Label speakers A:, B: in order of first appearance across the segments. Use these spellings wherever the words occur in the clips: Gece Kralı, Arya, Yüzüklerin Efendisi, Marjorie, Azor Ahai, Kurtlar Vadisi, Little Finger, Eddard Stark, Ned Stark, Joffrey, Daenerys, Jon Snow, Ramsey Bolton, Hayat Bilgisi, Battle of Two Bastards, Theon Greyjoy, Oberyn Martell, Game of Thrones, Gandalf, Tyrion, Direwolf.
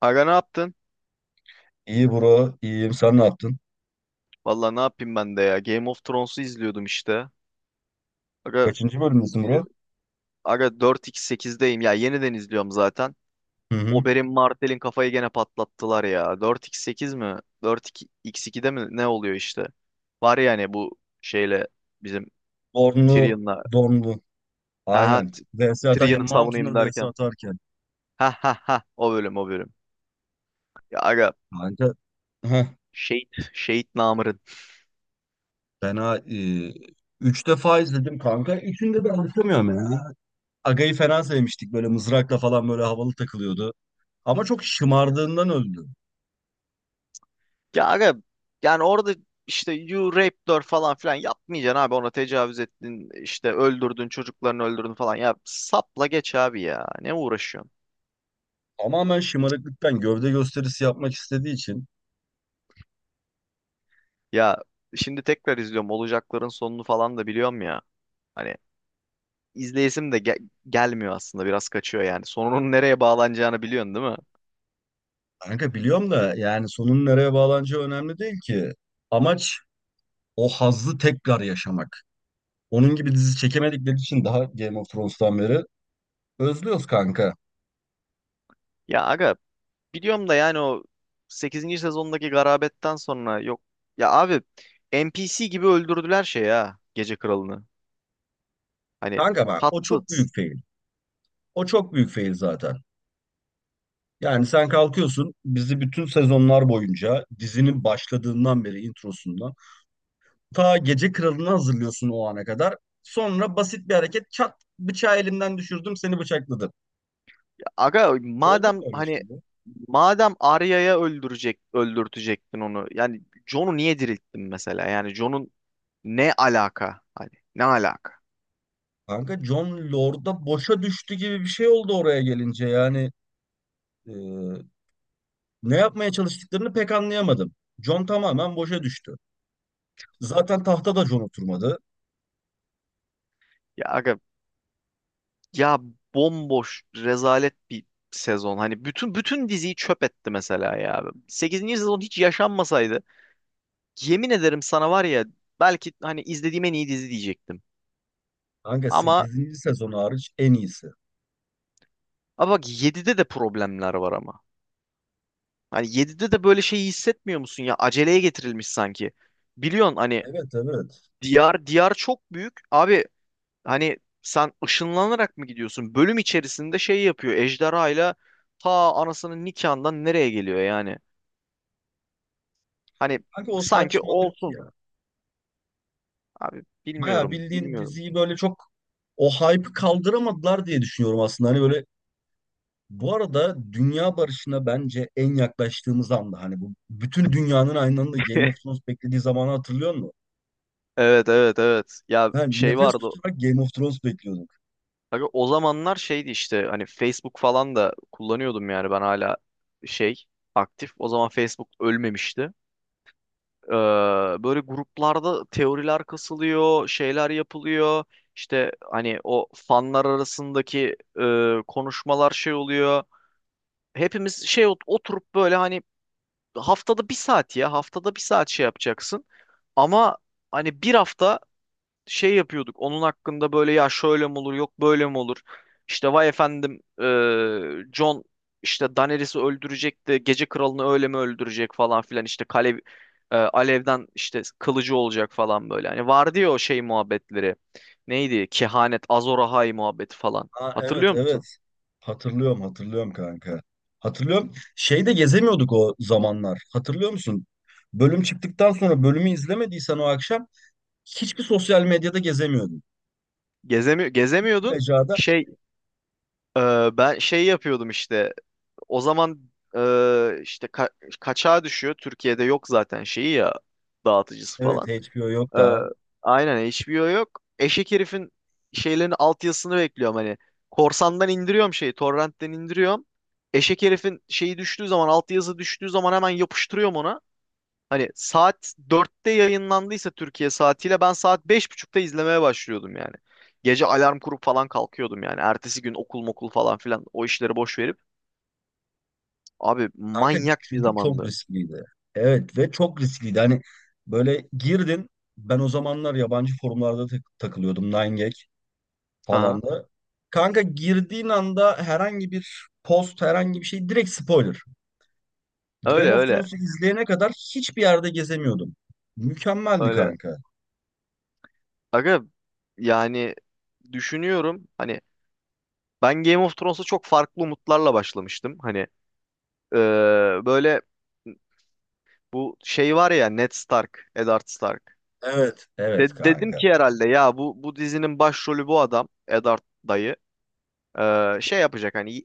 A: Aga ne yaptın?
B: İyi bro, iyiyim. Sen ne yaptın?
A: Valla ne yapayım ben de ya. Game of Thrones'u izliyordum işte. Aga,
B: Kaçıncı bölümdesin
A: bir-
B: bro?
A: 4x8'deyim ya. Yeniden izliyorum zaten.
B: Hı hı.
A: Oberyn Martell'in kafayı gene patlattılar ya. 4x8 mi? 4x2'de mi? Ne oluyor işte? Var yani bu şeyle bizim
B: Dornlu,
A: Tyrion'la.
B: Dornlu.
A: Ha ha,
B: Aynen. VS atarken,
A: Tyrion'u
B: Mountain'da
A: savunayım
B: VS
A: derken.
B: atarken.
A: Ha ha ha, o bölüm o bölüm. Ya aga
B: Kanka, heh,
A: Şehit, Şehit namı.
B: fena. Üç defa izledim kanka. Üçünde de anlatamıyorum ya. Aga'yı fena sevmiştik. Böyle mızrakla falan böyle havalı takılıyordu. Ama çok şımardığından öldü.
A: Ya aga yani orada işte you raped her falan filan yapmayacaksın abi, ona tecavüz ettin işte, öldürdün, çocuklarını öldürdün falan, ya sapla geç abi, ya ne uğraşıyorsun?
B: Tamamen şımarıklıktan gövde gösterisi yapmak istediği için.
A: Ya şimdi tekrar izliyorum, olacakların sonunu falan da biliyorum ya, hani izleyesim de gelmiyor aslında, biraz kaçıyor yani. Sonunun nereye bağlanacağını biliyorsun değil mi?
B: Kanka biliyorum da yani sonun nereye bağlanacağı önemli değil ki. Amaç o hazzı tekrar yaşamak. Onun gibi dizi çekemedikleri için daha Game of Thrones'tan beri özlüyoruz kanka.
A: Ya aga, biliyorum da yani o sekizinci sezondaki garabetten sonra yok ya abi, NPC gibi öldürdüler şey ya, Gece Kralı'nı, hani
B: Kanka bak o çok
A: tatsız.
B: büyük fail. O çok büyük fail zaten. Yani sen kalkıyorsun bizi bütün sezonlar boyunca dizinin başladığından beri introsundan ta Gece Kralı'nı hazırlıyorsun o ana kadar. Sonra basit bir hareket çat bıçağı elimden düşürdüm seni bıçakladım.
A: Aga
B: Oldu mu
A: madem
B: öyle
A: hani,
B: şey bu?
A: madem Arya'ya öldürtecektin onu. Yani Jon'u niye dirilttin mesela? Yani Jon'un ne alaka? Hani ne alaka?
B: Kanka Jon Lord'a boşa düştü gibi bir şey oldu oraya gelince yani e, ne yapmaya çalıştıklarını pek anlayamadım. Jon tamamen boşa düştü. Zaten tahta da John oturmadı.
A: Ya aga ya, bomboş rezalet bir sezon. Hani bütün diziyi çöp etti mesela ya. Sekizinci sezon hiç yaşanmasaydı, yemin ederim sana var ya, belki hani izlediğim en iyi dizi diyecektim.
B: Kanka
A: Ama
B: 8. sezon hariç en iyisi.
A: ama bak yedide de problemler var ama. Hani yedide de böyle şeyi hissetmiyor musun ya? Aceleye getirilmiş sanki. Biliyorsun hani,
B: Evet evet.
A: diyar diyar çok büyük. Abi hani sen ışınlanarak mı gidiyorsun? Bölüm içerisinde şey yapıyor. Ejderhayla ta anasının nikahından nereye geliyor yani? Hani
B: Kanka o
A: sanki
B: saçmalık
A: olsun.
B: ya.
A: Abi
B: Baya
A: bilmiyorum,
B: bildiğin
A: bilmiyorum.
B: diziyi böyle çok o hype'ı kaldıramadılar diye düşünüyorum aslında. Hani böyle bu arada dünya barışına bence en yaklaştığımız anda hani bu bütün dünyanın aynı anda Game of Thrones beklediği zamanı hatırlıyor musun?
A: Evet evet evet. Ya
B: Yani
A: şey
B: nefes
A: vardı.
B: tutarak Game of Thrones bekliyorduk.
A: Abi o zamanlar şeydi işte, hani Facebook falan da kullanıyordum yani, ben hala şey, aktif. O zaman Facebook ölmemişti. Ee, Böyle gruplarda teoriler kasılıyor, şeyler yapılıyor. İşte hani o fanlar arasındaki konuşmalar şey oluyor. Hepimiz şey oturup böyle, hani haftada bir saat, ya haftada bir saat şey yapacaksın. Ama hani bir hafta şey yapıyorduk. Onun hakkında böyle, ya şöyle mi olur, yok böyle mi olur. İşte vay efendim John işte Daenerys'i öldürecek de, gece kralını öyle mi öldürecek falan filan, işte kale alevden işte kılıcı olacak falan böyle. Hani vardı ya o şey muhabbetleri. Neydi? Kehanet, Azor Ahai muhabbeti falan.
B: Ha evet
A: Hatırlıyor musun?
B: evet. Hatırlıyorum, hatırlıyorum kanka. Hatırlıyorum. Şeyde gezemiyorduk o zamanlar. Hatırlıyor musun? Bölüm çıktıktan sonra bölümü izlemediysen o akşam hiçbir sosyal medyada gezemiyordun.
A: Gezemiyordun.
B: Mecrada
A: Şey ben şey yapıyordum işte. O zaman işte kaçağa düşüyor. Türkiye'de yok zaten şeyi ya, dağıtıcısı
B: evet,
A: falan.
B: HBO yok
A: Ee,
B: da.
A: aynen HBO yok. Eşek herifin şeylerin altyazısını bekliyorum hani. Korsandan indiriyorum şeyi, torrentten indiriyorum. Eşek herifin şeyi düştüğü zaman, altyazı düştüğü zaman hemen yapıştırıyorum ona. Hani saat 4'te yayınlandıysa Türkiye saatiyle ben saat 5.30'da izlemeye başlıyordum yani. Gece alarm kurup falan kalkıyordum yani. Ertesi gün okul mokul falan filan, o işleri boş verip. Abi
B: Kanka
A: manyak bir
B: çünkü çok
A: zamandı.
B: riskliydi. Evet ve çok riskliydi. Hani böyle girdin ben o zamanlar yabancı forumlarda takılıyordum. 9gag falan
A: Aha.
B: da. Kanka girdiğin anda herhangi bir post herhangi bir şey direkt spoiler. Game
A: Öyle
B: of
A: öyle
B: Thrones'u izleyene kadar hiçbir yerde gezemiyordum. Mükemmeldi
A: öyle.
B: kanka.
A: Aga yani düşünüyorum hani, ben Game of Thrones'a çok farklı umutlarla başlamıştım. Hani e, böyle bu şey var ya, Ned Stark, Eddard Stark.
B: Evet. Evet
A: Dedim
B: kanka.
A: ki herhalde ya, bu dizinin başrolü bu adam Eddard dayı. Şey yapacak hani,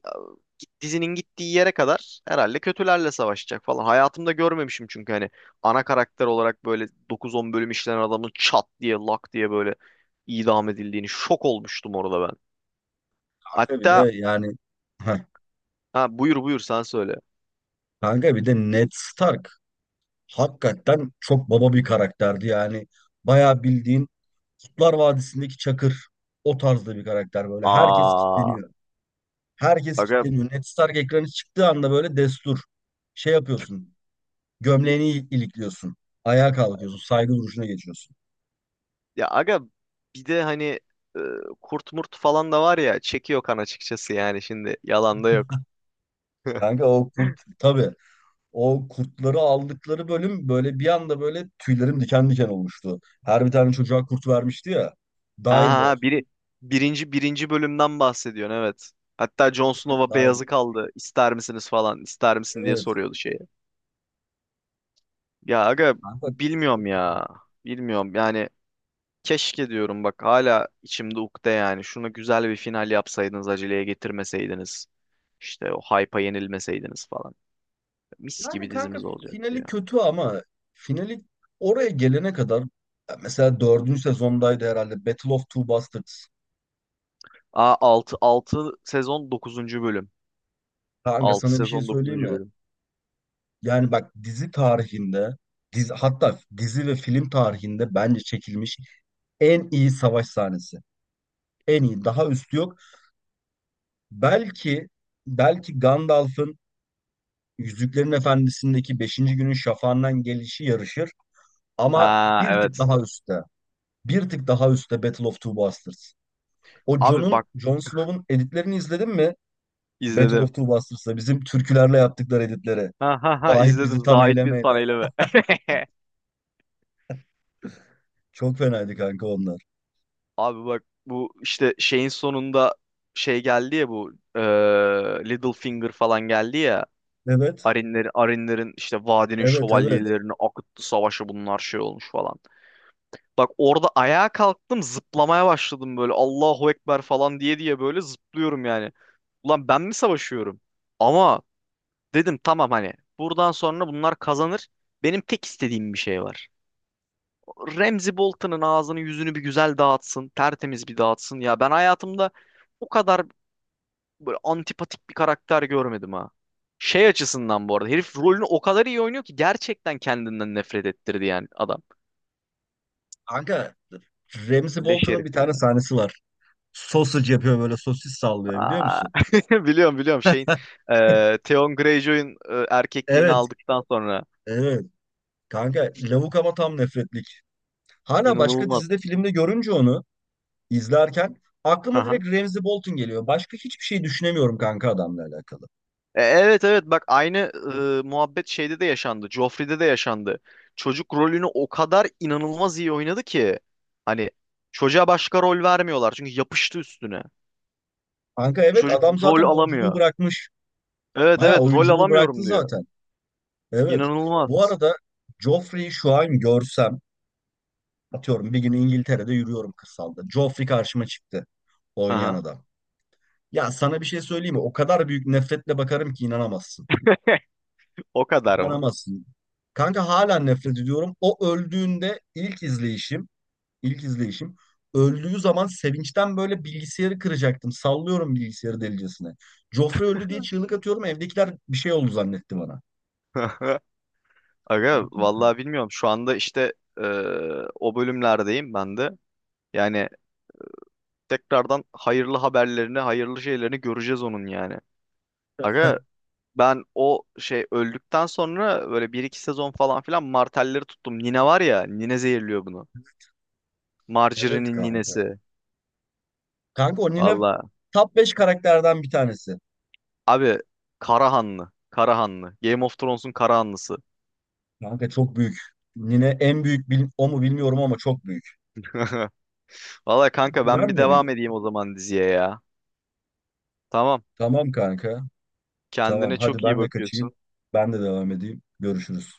A: dizinin gittiği yere kadar herhalde kötülerle savaşacak falan. Hayatımda görmemişim çünkü, hani ana karakter olarak böyle dokuz on bölüm işlenen adamın çat diye lak diye böyle idam edildiğini, şok olmuştum orada ben.
B: Kanka bir de
A: Hatta,
B: yani Heh.
A: ha buyur buyur sen söyle.
B: kanka bir de Ned Stark hakikaten çok baba bir karakterdi yani. Bayağı bildiğin Kurtlar Vadisi'ndeki Çakır o tarzda bir karakter böyle. Herkes
A: Aa.
B: kitleniyor. Herkes
A: Aga
B: kitleniyor. Ned Stark ekranı çıktığı anda böyle destur. Şey yapıyorsun. Gömleğini ilikliyorsun. Ayağa kalkıyorsun. Saygı duruşuna geçiyorsun.
A: aga bir de hani e, kurt murt falan da var ya, çekiyor kan açıkçası yani, şimdi yalan da yok.
B: Kanka o kurt tabii. O kurtları aldıkları bölüm böyle bir anda böyle tüylerim diken diken olmuştu. Her bir tane çocuğa kurt vermişti ya.
A: Ha ha
B: Direwolf.
A: ha, birinci bölümden bahsediyorsun evet. Hatta Jon
B: Evet,
A: Snow'a
B: Direwolf.
A: beyazı kaldı. İster misiniz falan, ister misin diye
B: Evet.
A: soruyordu şeye. Ya aga
B: Kanka,
A: bilmiyorum ya. Bilmiyorum yani, keşke diyorum bak, hala içimde ukde yani. Şunu güzel bir final yapsaydınız, aceleye getirmeseydiniz. İşte o hype'a yenilmeseydiniz falan. Mis
B: yani
A: gibi
B: kanka
A: dizimiz olacak.
B: finali kötü ama finali oraya gelene kadar ya mesela dördüncü sezondaydı herhalde Battle of Two Bastards.
A: Aa, altı sezon dokuzuncu bölüm.
B: Kanka
A: Altı
B: sana bir şey
A: sezon
B: söyleyeyim
A: dokuzuncu
B: mi?
A: bölüm.
B: Yani bak dizi tarihinde dizi, hatta dizi ve film tarihinde bence çekilmiş en iyi savaş sahnesi. En iyi. Daha üstü yok. Belki belki Gandalf'ın Yüzüklerin Efendisi'ndeki beşinci günün şafağından gelişi yarışır ama
A: Ha
B: bir tık
A: evet.
B: daha üstte. Bir tık daha üstte Battle of Two Bastards. O
A: Abi bak
B: Jon'un Jon Snow'un editlerini izledin mi? Battle of
A: izledim.
B: Two Bastards'ta bizim türkülerle yaptıkları editleri.
A: Ha ha ha
B: Dahit
A: izledim.
B: bizi tan
A: Zahit bir
B: eylemeyle.
A: taneyle mi?
B: Çok fenaydı kanka onlar.
A: Abi bak bu işte şeyin sonunda şey geldi ya, bu Little Finger falan geldi ya.
B: Evet,
A: Arinlerin işte vadinin
B: evet, evet.
A: şövalyelerini akıttı, savaşı bunlar şey olmuş falan. Bak orada ayağa kalktım, zıplamaya başladım böyle, Allahu Ekber falan diye diye böyle zıplıyorum yani. Ulan ben mi savaşıyorum? Ama dedim tamam hani, buradan sonra bunlar kazanır. Benim tek istediğim bir şey var. Ramsey Bolton'un ağzını yüzünü bir güzel dağıtsın. Tertemiz bir dağıtsın. Ya ben hayatımda o kadar böyle antipatik bir karakter görmedim ha. Şey açısından bu arada, herif rolünü o kadar iyi oynuyor ki, gerçekten kendinden nefret ettirdi yani adam.
B: Kanka Ramsey
A: Leş
B: Bolton'un
A: herif
B: bir
A: ya.
B: tane sahnesi var. Sausage yapıyor böyle sosis sallıyor biliyor
A: Aa.
B: musun?
A: Biliyorum biliyorum, şeyin Theon Greyjoy'un erkekliğini
B: Evet,
A: aldıktan sonra
B: evet. Kanka lavuk ama tam nefretlik. Hala başka
A: inanılmaz.
B: dizide filmde görünce onu izlerken aklıma direkt Ramsey Bolton geliyor. Başka hiçbir şey düşünemiyorum kanka adamla alakalı.
A: Evet evet, bak aynı muhabbet şeyde de yaşandı. Joffrey'de de yaşandı. Çocuk rolünü o kadar inanılmaz iyi oynadı ki hani, çocuğa başka rol vermiyorlar çünkü yapıştı üstüne.
B: Kanka evet
A: Çocuk
B: adam
A: rol
B: zaten oyunculuğu
A: alamıyor.
B: bırakmış.
A: Evet
B: Bayağı
A: evet, rol
B: oyunculuğu bıraktı
A: alamıyorum diyor.
B: zaten. Evet. Bu
A: İnanılmaz.
B: arada Joffrey'i şu an görsem atıyorum bir gün İngiltere'de yürüyorum kırsalda. Joffrey karşıma çıktı oynayan
A: Aha,
B: adam. Ya sana bir şey söyleyeyim mi? O kadar büyük nefretle bakarım ki inanamazsın.
A: o kadar mı?
B: İnanamazsın. Kanka hala nefret ediyorum. O öldüğünde ilk izleyişim. İlk izleyişim. Öldüğü zaman sevinçten böyle bilgisayarı kıracaktım. Sallıyorum bilgisayarı delicesine. Joffrey öldü diye çığlık atıyorum. Evdekiler bir şey oldu zannetti bana.
A: Aga
B: Müthiş.
A: vallahi bilmiyorum. Şu anda işte e, o bölümlerdeyim ben de. Yani tekrardan hayırlı haberlerini, hayırlı şeylerini göreceğiz onun yani. Aga ben o şey öldükten sonra böyle bir iki sezon falan filan martelleri tuttum. Nine var ya, Nine zehirliyor bunu.
B: Evet
A: Marjorie'nin
B: kanka.
A: ninesi.
B: Kanka o Nine
A: Allah.
B: top 5 karakterden bir tanesi.
A: Abi Karahanlı. Karahanlı. Game of Thrones'un Karahanlısı.
B: Kanka çok büyük. Nine en büyük o mu bilmiyorum ama çok büyük.
A: Valla kanka ben
B: Güven
A: bir
B: veriyor.
A: devam edeyim o zaman diziye ya. Tamam.
B: Tamam kanka. Tamam
A: Kendine
B: hadi
A: çok iyi
B: ben de kaçayım.
A: bakıyorsun.
B: Ben de devam edeyim. Görüşürüz.